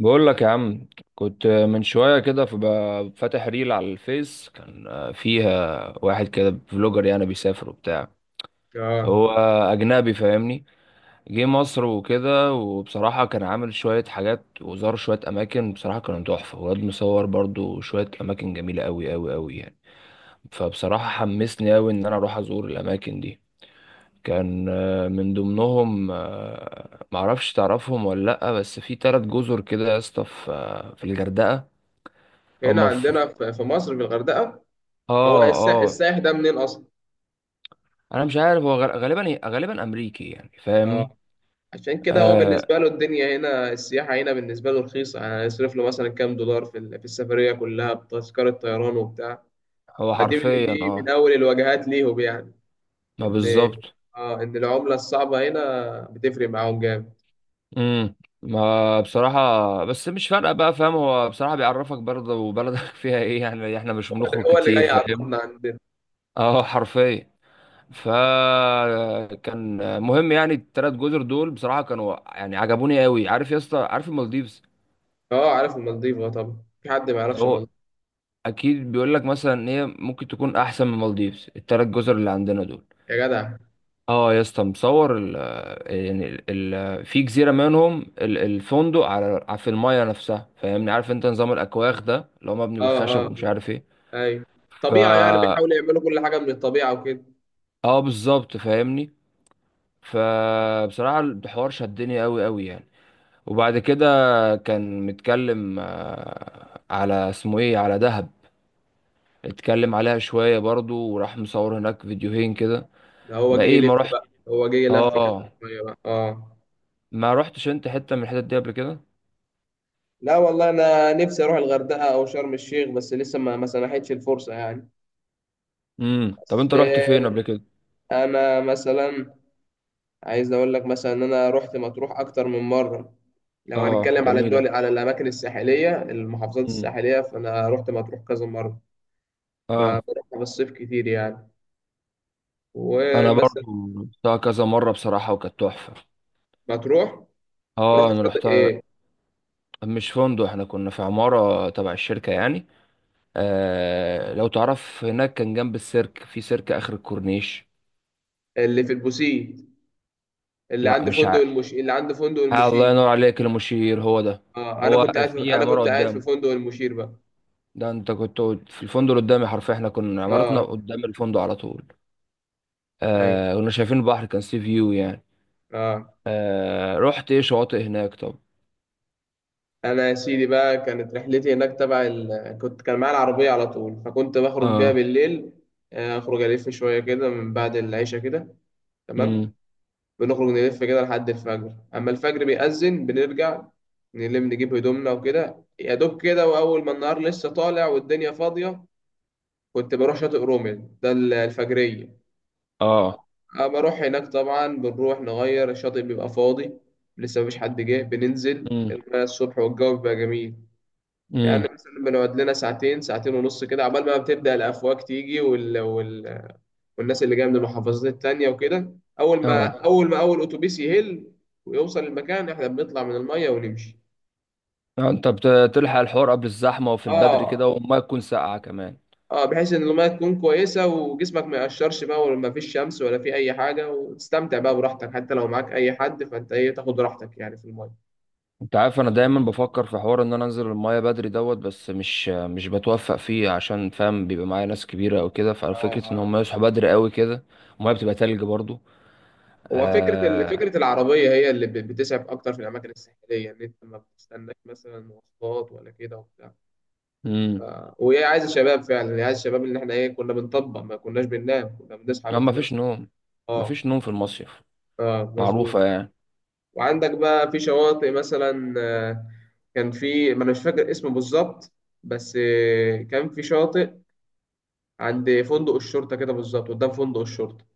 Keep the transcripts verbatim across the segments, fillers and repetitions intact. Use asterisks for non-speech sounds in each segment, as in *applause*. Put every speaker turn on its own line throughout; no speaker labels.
بقول لك يا عم، كنت من شوية كده فب- فاتح ريل على الفيس كان فيها واحد كده فلوجر يعني بيسافر وبتاع. هو
اه
أجنبي فاهمني. جه مصر وكده، وبصراحة كان عامل شوية حاجات وزار شوية أماكن بصراحة كانوا تحفة، وواد مصور برضو شوية أماكن جميلة أوي أوي أوي يعني. فبصراحة حمسني أوي إن أنا أروح أزور الأماكن دي. كان آه، من ضمنهم آه، معرفش تعرفهم ولا لأ، بس في تلات جزر كده يا اسطى، في آه، في الغردقة.
هنا
هما في.
عندنا في في مصر في الغردقة. هو
اه
السا-
اه.
السائح ده منين أصلا؟
انا مش عارف هو غ- غالبا غالبا امريكي يعني فاهمني.
اه عشان كده هو
آه.
بالنسبة له الدنيا هنا، السياحة هنا بالنسبة له رخيصة، يعني يصرف له مثلا كام دولار في ال- في السفرية كلها بتذكرة طيران وبتاع.
هو
فدي من-
حرفيا
دي من
اه.
أول الوجهات ليهم يعني.
ما
إن
بالظبط.
اه إن العملة الصعبة هنا بتفرق معاهم جامد.
امم ما بصراحة، بس مش فارقة بقى فاهم. هو بصراحة بيعرفك برضه وبلدك *laughs* فيها ايه يعني، احنا مش
هو اللي
بنخرج
هو اللي جاي
كتير فاهم.
يعرفنا عندنا.
اه حرفيا. فكان مهم يعني، التلات جزر دول بصراحة كانوا يعني عجبوني قوي. عارف يا اسطى، عارف المالديفز.
اه، عارف المالديف. اه، طبعا في حد ما يعرفش
هو
المالديف؟
اكيد بيقول لك مثلا ان هي ممكن تكون احسن من المالديفز، التلات جزر اللي عندنا دول.
يا جدع.
اه يا اسطى، مصور ال... يعني ال ال في جزيره منهم، ال- الفندق على على- في المايه نفسها فاهمني. عارف انت نظام الاكواخ ده، اللي هو مبني
اه.
بالخشب
اه.
ومش عارف ايه.
ايوه.
ف
طبيعة، يعني بيحاولوا يعملوا كل حاجة من الطبيعة وكده.
اه بالظبط فاهمني. فبصراحه الحوار شدني قوي قوي يعني. وبعد كده كان متكلم آه، على اسمه ايه، على دهب. اتكلم عليها شويه برضو، وراح مصور هناك فيديوهين كده.
ده هو
ما
جه
ايه
يلف
ما رحت.
بقى، هو جه يلف كده.
اه.
شوية بقى. اه.
ما رحتش انت حته من الحتت دي قبل كده؟
لا والله، انا نفسي اروح الغردقه او شرم الشيخ، بس لسه ما ما سنحتش الفرصه يعني.
امم، طب انت رحت فين
بس
قبل كده؟
انا مثلا عايز اقول لك مثلا ان انا رحت مطروح اكتر من مره. لو
اه
هنتكلم على الدول،
جميله.
على الاماكن الساحليه، المحافظات
امم.
الساحليه، فانا رحت مطروح كذا مره. ب-
اه.
بروحها في الصيف كتير يعني.
انا
ومثلا
برضو رحتها كذا مره بصراحه وكانت تحفه.
مطروح، رحت
اه انا
شاطئ
رحتها.
ايه؟
مش فندق، احنا كنا في عماره تبع الشركه يعني. آه لو تعرف هناك، كان جنب السيرك، في سيرك اخر الكورنيش.
اللي في البوسيت، اللي
لا
عند
مش
فندق
ع...
المش اللي عند فندق
آه الله
المشي.
ينور عليك، المشير هو ده.
اه، انا
هو
كنت قاعد في...
في
انا
عماره
كنت قاعد في
قدامه.
فندق المشير بقى.
ده انت كنت في الفندق اللي قدامي حرفيا، احنا كنا عمارتنا
اه.
قدام الفندق على طول.
ايوه.
آه كنا شايفين البحر، كان سي فيو يعني.
اه.
آه رحت ايه شواطئ هناك طب؟
انا يا سيدي بقى، كانت رحلتي هناك، تبع ال... كنت كان معايا العربيه على طول، فكنت بخرج بيها
اه.
بالليل. آه، اخرج الف شويه كده من بعد العشاء كده. تمام.
امم.
بنخرج نلف كده لحد الفجر، اما الفجر بيأذن بنرجع، نلم نجيب هدومنا وكده يا دوب كده، واول ما النهار لسه طالع والدنيا فاضيه، كنت بروح شاطئ رومل ده، ال- الفجريه.
اه.
أه بروح هناك طبعا، بنروح نغير الشاطئ، بيبقى فاضي، لسه مفيش حد جه، بننزل
امم.
المية الصبح والجو بيبقى جميل. يعني
امم.
مثلا بنقعد لنا ساعتين، ساعتين ونص كده، عبال ما بتبدأ الأفواج تيجي، وال... وال... والناس اللي جاية من المحافظات التانية وكده. أول ما
اه.
أول ما أول أتوبيس يهل ويوصل المكان، إحنا بنطلع من المية ونمشي.
آه، انت بتلحق الحوار قبل الزحمه وفي البدري كده،
آه
والميه تكون ساقعه كمان.
آه بحيث إن المية تكون كويسة وجسمك ما يقشرش بقى، وما فيش شمس ولا في أي حاجة، وتستمتع بقى براحتك، حتى لو معاك أي حد فأنت إيه، تاخد راحتك يعني في المية.
انت عارف انا دايما بفكر في حوار ان انا انزل الميه بدري دوت، بس مش مش بتوفق فيه عشان فاهم بيبقى معايا ناس كبيره او كده،
آه
ففكره ان هم
آه
يصحوا بدري قوي كده. الميه بتبقى تلج برضو.
هو فكرة ال-
آه.
فكرة العربية هي اللي بت- بتسعف أكتر في الأماكن الساحلية، إن أنت ما بتستناش مثلا مواصلات ولا كده وبتاع. ف...
امم.
وهي عايزة شباب فعلا، هي عايزة شباب، إن إحنا إيه، كنا بنطبق، ما كناش بننام، كنا بنصحى من
ما فيش
التناس.
نوم. ما
أه،
فيش نوم في المصيف،
أه، مظبوط.
معروفه يعني.
وعندك بقى في شواطئ مثلا، آه، كان في، ما أنا مش فاكر اسمه بالظبط، بس آه، كان في شاطئ عند فندق الشرطة كده بالظبط، قدام فندق الشرطة.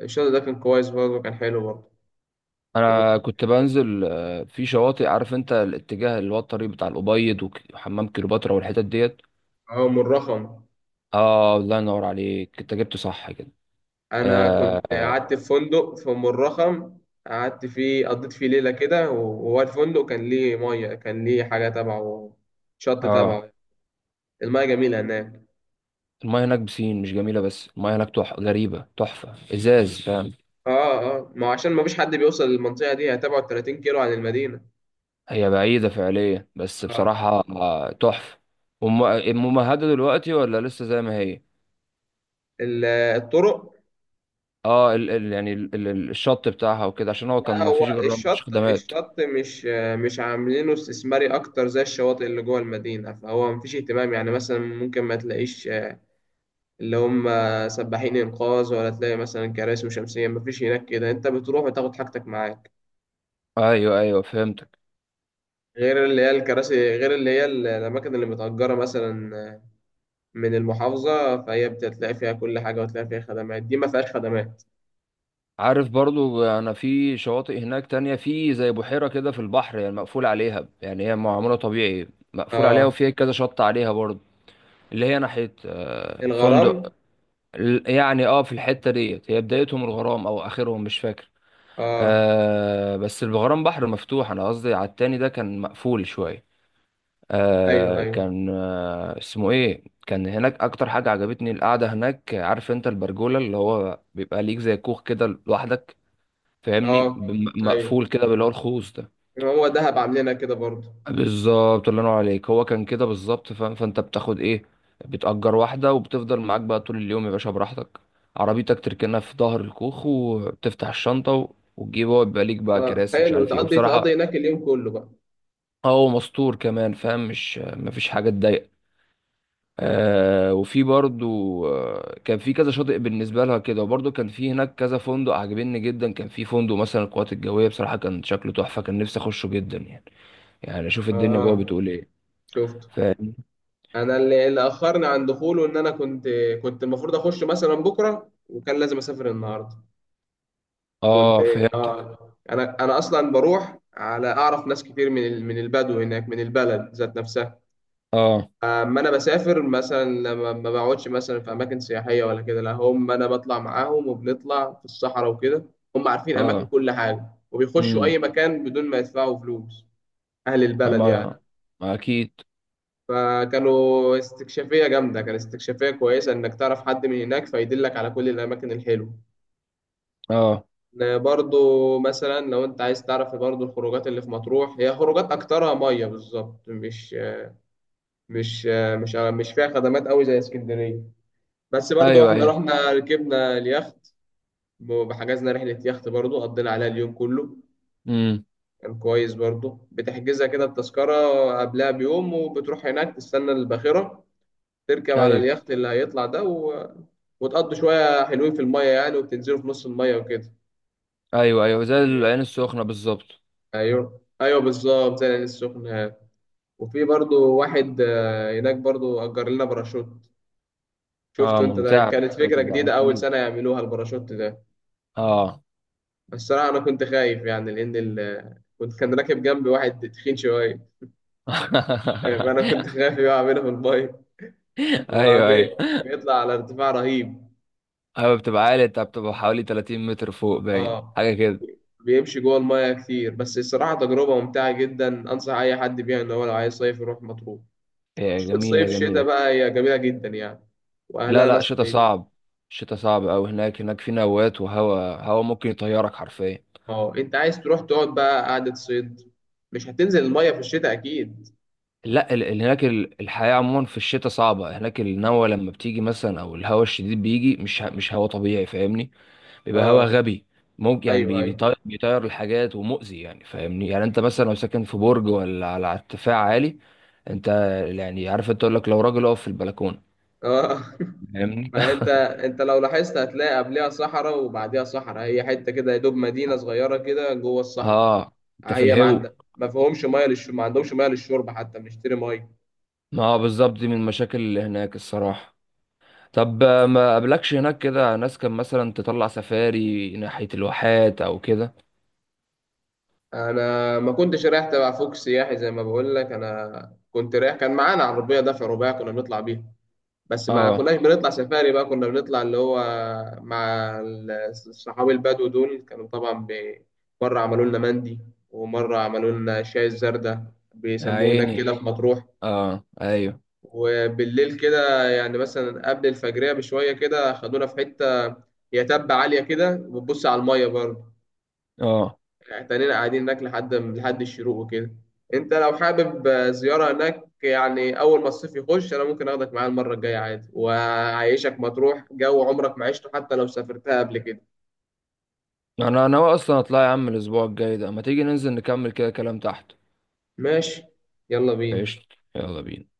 الشاطئ ده كان كويس برضه، كان حلو برضه. و...
انا كنت بنزل آه، في شواطئ. عارف انت الاتجاه اللي هو الطريق بتاع الابيض وك- وحمام كليوباترا والحتت ديت.
اه من رخم.
اه الله ينور عليك، انت جبت صح كده.
انا
اه.
كنت
اه.
قعدت في فندق في ام الرخم، قعدت فيه، قضيت فيه ليله كده، وهو الفندق كان ليه ميه، كان ليه حاجه تبعه، شط
آه.
تبعه. الميه جميله هناك.
المايه هناك بسين مش جميله، بس المايه هناك تح... غريبه تحفه ازاز فاهم.
اه. اه، ما هو عشان ما فيش حد بيوصل للمنطقه دي، هي تبعد ثلاثين كيلو عن المدينه.
هي بعيده فعليا، بس
اه،
بصراحه آه، تحفه. وم- ممهده دلوقتي ولا لسه زي ما هي؟
ال- الطرق.
اه ال... ال... يعني ال... ال- الشط بتاعها وكده عشان هو
لا،
كان ما
هو
فيش جرام، مفيش
الشط
خدمات.
الشط مش مش عاملينه استثماري اكتر زي الشواطئ اللي جوه المدينه، فهو مفيش اهتمام. يعني مثلا ممكن ما تلاقيش اللي هم سباحين انقاذ، ولا تلاقي مثلا كراسي وشمسيه، مفيش هناك كده، انت بتروح وتاخد حاجتك معاك.
ايوه ايوه فهمت.
غير اللي هي الكراسي، غير اللي هي ال- الاماكن اللي متأجره مثلا من المحافظه، فهي بتلاقي فيها كل حاجه، وتلاقي فيها خدمات. دي ما فيهاش خدمات.
عارف برضو، انا في شواطئ هناك تانية، في زي بحيرة كده في البحر يعني، مقفول عليها يعني هي معمولة طبيعي، مقفول عليها
اه،
وفيها كذا شط عليها برضو. اللي هي ناحية آه،
الغرام.
فندق ال- يعني اه، في الحتة ديت هي بدايتهم الغرام او اخرهم مش فاكر.
اه.
آه بس الغرام بحر مفتوح، انا قصدي على التاني ده كان مقفول شوية.
ايوه.
آه
ايوه.
كان آه اسمه ايه، كان هناك اكتر حاجة عجبتني القعدة هناك. عارف انت البرجولة، اللي هو بيبقى ليك زي كوخ كده لوحدك فاهمني،
اه.
بم-
ايوه.
مقفول كده باللي هو الخوص ده.
هو دهب عاملينها كده برضه.
بالظبط الله ينور عليك، هو كان كده بالظبط فاهم. فانت بتاخد ايه، بتأجر واحدة وبتفضل معاك بقى طول اليوم يا باشا براحتك. عربيتك تركنها في ظهر الكوخ وبتفتح الشنطة و- وتجيب، هو يبقى ليك بقى
اه
كراسي ومش
حلو،
عارف ايه،
تقضي تقضي
وبصراحة
هناك اليوم كله بقى.
آه، هو مستور كمان فاهم، مش مفيش حاجة تضايق. آه وفي برضو آه، كان في كذا شاطئ بالنسبة لها كده، وبرضو كان في هناك كذا فندق عجبني جدا. كان في فندق مثلا القوات الجوية، بصراحة كان شكله تحفة، كان نفسي أخشه جدا يعني. يعني شوف الدنيا جوه
اه،
بتقول ايه.
شفت.
فاهم.
انا اللي, اللي اخرني عن دخوله، ان انا كنت، كنت المفروض اخش مثلا بكره، وكان لازم اسافر النهارده. كنت.
اه فهمتك.
اه انا انا اصلا بروح، على اعرف ناس كتير من ال- من البدو هناك، من البلد ذات نفسها.
اه.
اما انا بسافر مثلا لما ما بقعدش مثلا في اماكن سياحيه ولا كده، لا، هم انا بطلع معاهم، وبنطلع في الصحراء وكده، هم عارفين اماكن،
اه.
كل حاجه، وبيخشوا اي
امم.
مكان بدون ما يدفعوا فلوس، اهل البلد يعني.
ما، ما اكيد.
فكانوا استكشافية جامدة، كان استكشافية كويسة إنك تعرف حد من هناك فيدلك على كل الأماكن الحلوة.
اه.
إن برضو مثلا لو أنت عايز تعرف برضو الخروجات اللي في مطروح، هي خروجات أكترها مية بالظبط، مش مش مش مش فيها خدمات أوي زي اسكندرية. بس برضو
ايوه
إحنا
ايوه.
رحنا ركبنا اليخت، وحجزنا رحلة يخت برضو، قضينا عليها اليوم كله.
امم.
كان كويس برضو، بتحجزها كده التذكرة قبلها بيوم، وبتروح هناك تستنى الباخرة، تركب على
ايوه
اليخت اللي هيطلع ده و... وتقضوا شوية حلوين في المية يعني، وبتنزلوا في نص المية وكده.
ايوه. ايوه زي العين السخنه بالظبط.
ايوه، ايوه، بالظبط زي العين السخنة. وفي برضو واحد آه، هناك برضو أجر لنا باراشوت.
اه
شفته انت ده؟
ممتعه
كانت
الشاطئ
فكرة
ده
جديدة، أول
اكيد.
سنة يعملوها الباراشوت ده.
اه.
الصراحة أنا كنت خايف يعني، لأن ال... كنت كان راكب جنبي واحد تخين شوية. آه، فأنا
*laughs*
كنت خايف يقع منه في المية. هو
ايوه ايوه.
بي... بيطلع على ارتفاع رهيب.
ايوه بتبقى عالي، انت بتبقى حوالي ثلاثين متر فوق باين
اه.
حاجه كده.
بيمشي جوه المايه كتير، بس الصراحه تجربه ممتعه جدا، انصح اي حد بيها. ان هو لو عايز صيف يروح مطروح.
هي
ش-
جميله
صيف، شتاء
جميله.
بقى، هي جميله جدا يعني،
لا
واهلها
لا،
ناس
شتا
طيبين.
صعب. شتا صعب أوي هناك، هناك في نوات، وهوا هوا ممكن يطيرك حرفيا.
اه، انت عايز تروح تقعد بقى قعده صيد؟ مش هتنزل المايه في الشتاء اكيد.
لا ال- ال- هناك ال- الحياة عموما في الشتاء صعبة هناك. النوى لما بتيجي مثلا، أو الهواء الشديد بيجي مش ه- مش هواء طبيعي فاهمني. بيبقى هواء
اه.
غبي. ممكن يعني
ايوه.
بي-
ايوه.
بيطير بيطير الحاجات ومؤذي يعني فاهمني. يعني أنت مثلا لو ساكن في برج ولا على على ارتفاع عالي، أنت يعني عارف، أنت تقول لك لو راجل أقف في البلكونة،
اه. *laughs*
فاهمني
ما
*laughs*
انت انت لو لاحظت هتلاقي قبلها صحراء وبعديها صحراء، هي حته كده يا دوب، مدينه صغيره كده جوه الصحراء.
أه أنت في
هي ما
الهو.
عندها، ما فيهمش ميه للشرب، ما عندهمش ميه للشرب، حتى بنشتري ميه.
ما هو بالظبط، دي من المشاكل اللي هناك الصراحة. طب آه، ما قابلكش هناك كده ناس، كان مثلا تطلع سفاري ناحية الواحات أو كده؟
انا ما كنتش رايح تبع فوق سياحي زي ما بقول لك، انا كنت رايح، كان معانا عربيه دفع رباعي كنا بنطلع بيها، بس ما
أه
كناش بنطلع سفاري بقى، كنا بنطلع اللي هو مع ال- الصحابي البدو دول، كانوا طبعا ب- مره عملوا لنا مندي، ومره عملوا لنا شاي الزردة
يا
بيسموه هناك
عيني.
كده في مطروح.
اه ايوه.
وبالليل كده يعني مثلا قبل الفجريه بشويه كده، خدونا في حته هي تبة عاليه كده وبتبص على الميه برضه.
اه.
احتنينا قاعدين هناك لحد لحد الشروق وكده. انت لو حابب آه، زيارة هناك يعني اول ما الصيف يخش، انا ممكن اخدك معايا المرة الجاية عادي، واعيشك مطروح جو عمرك ما عشته حتى لو سافرتها قبل كده.
انا ناوي اصلا اطلع يا عم الاسبوع الجاي ده، ما تيجي ننزل نكمل كده كلام تحت.
ماشي. يلا بينا.
قشطة، يلا بينا.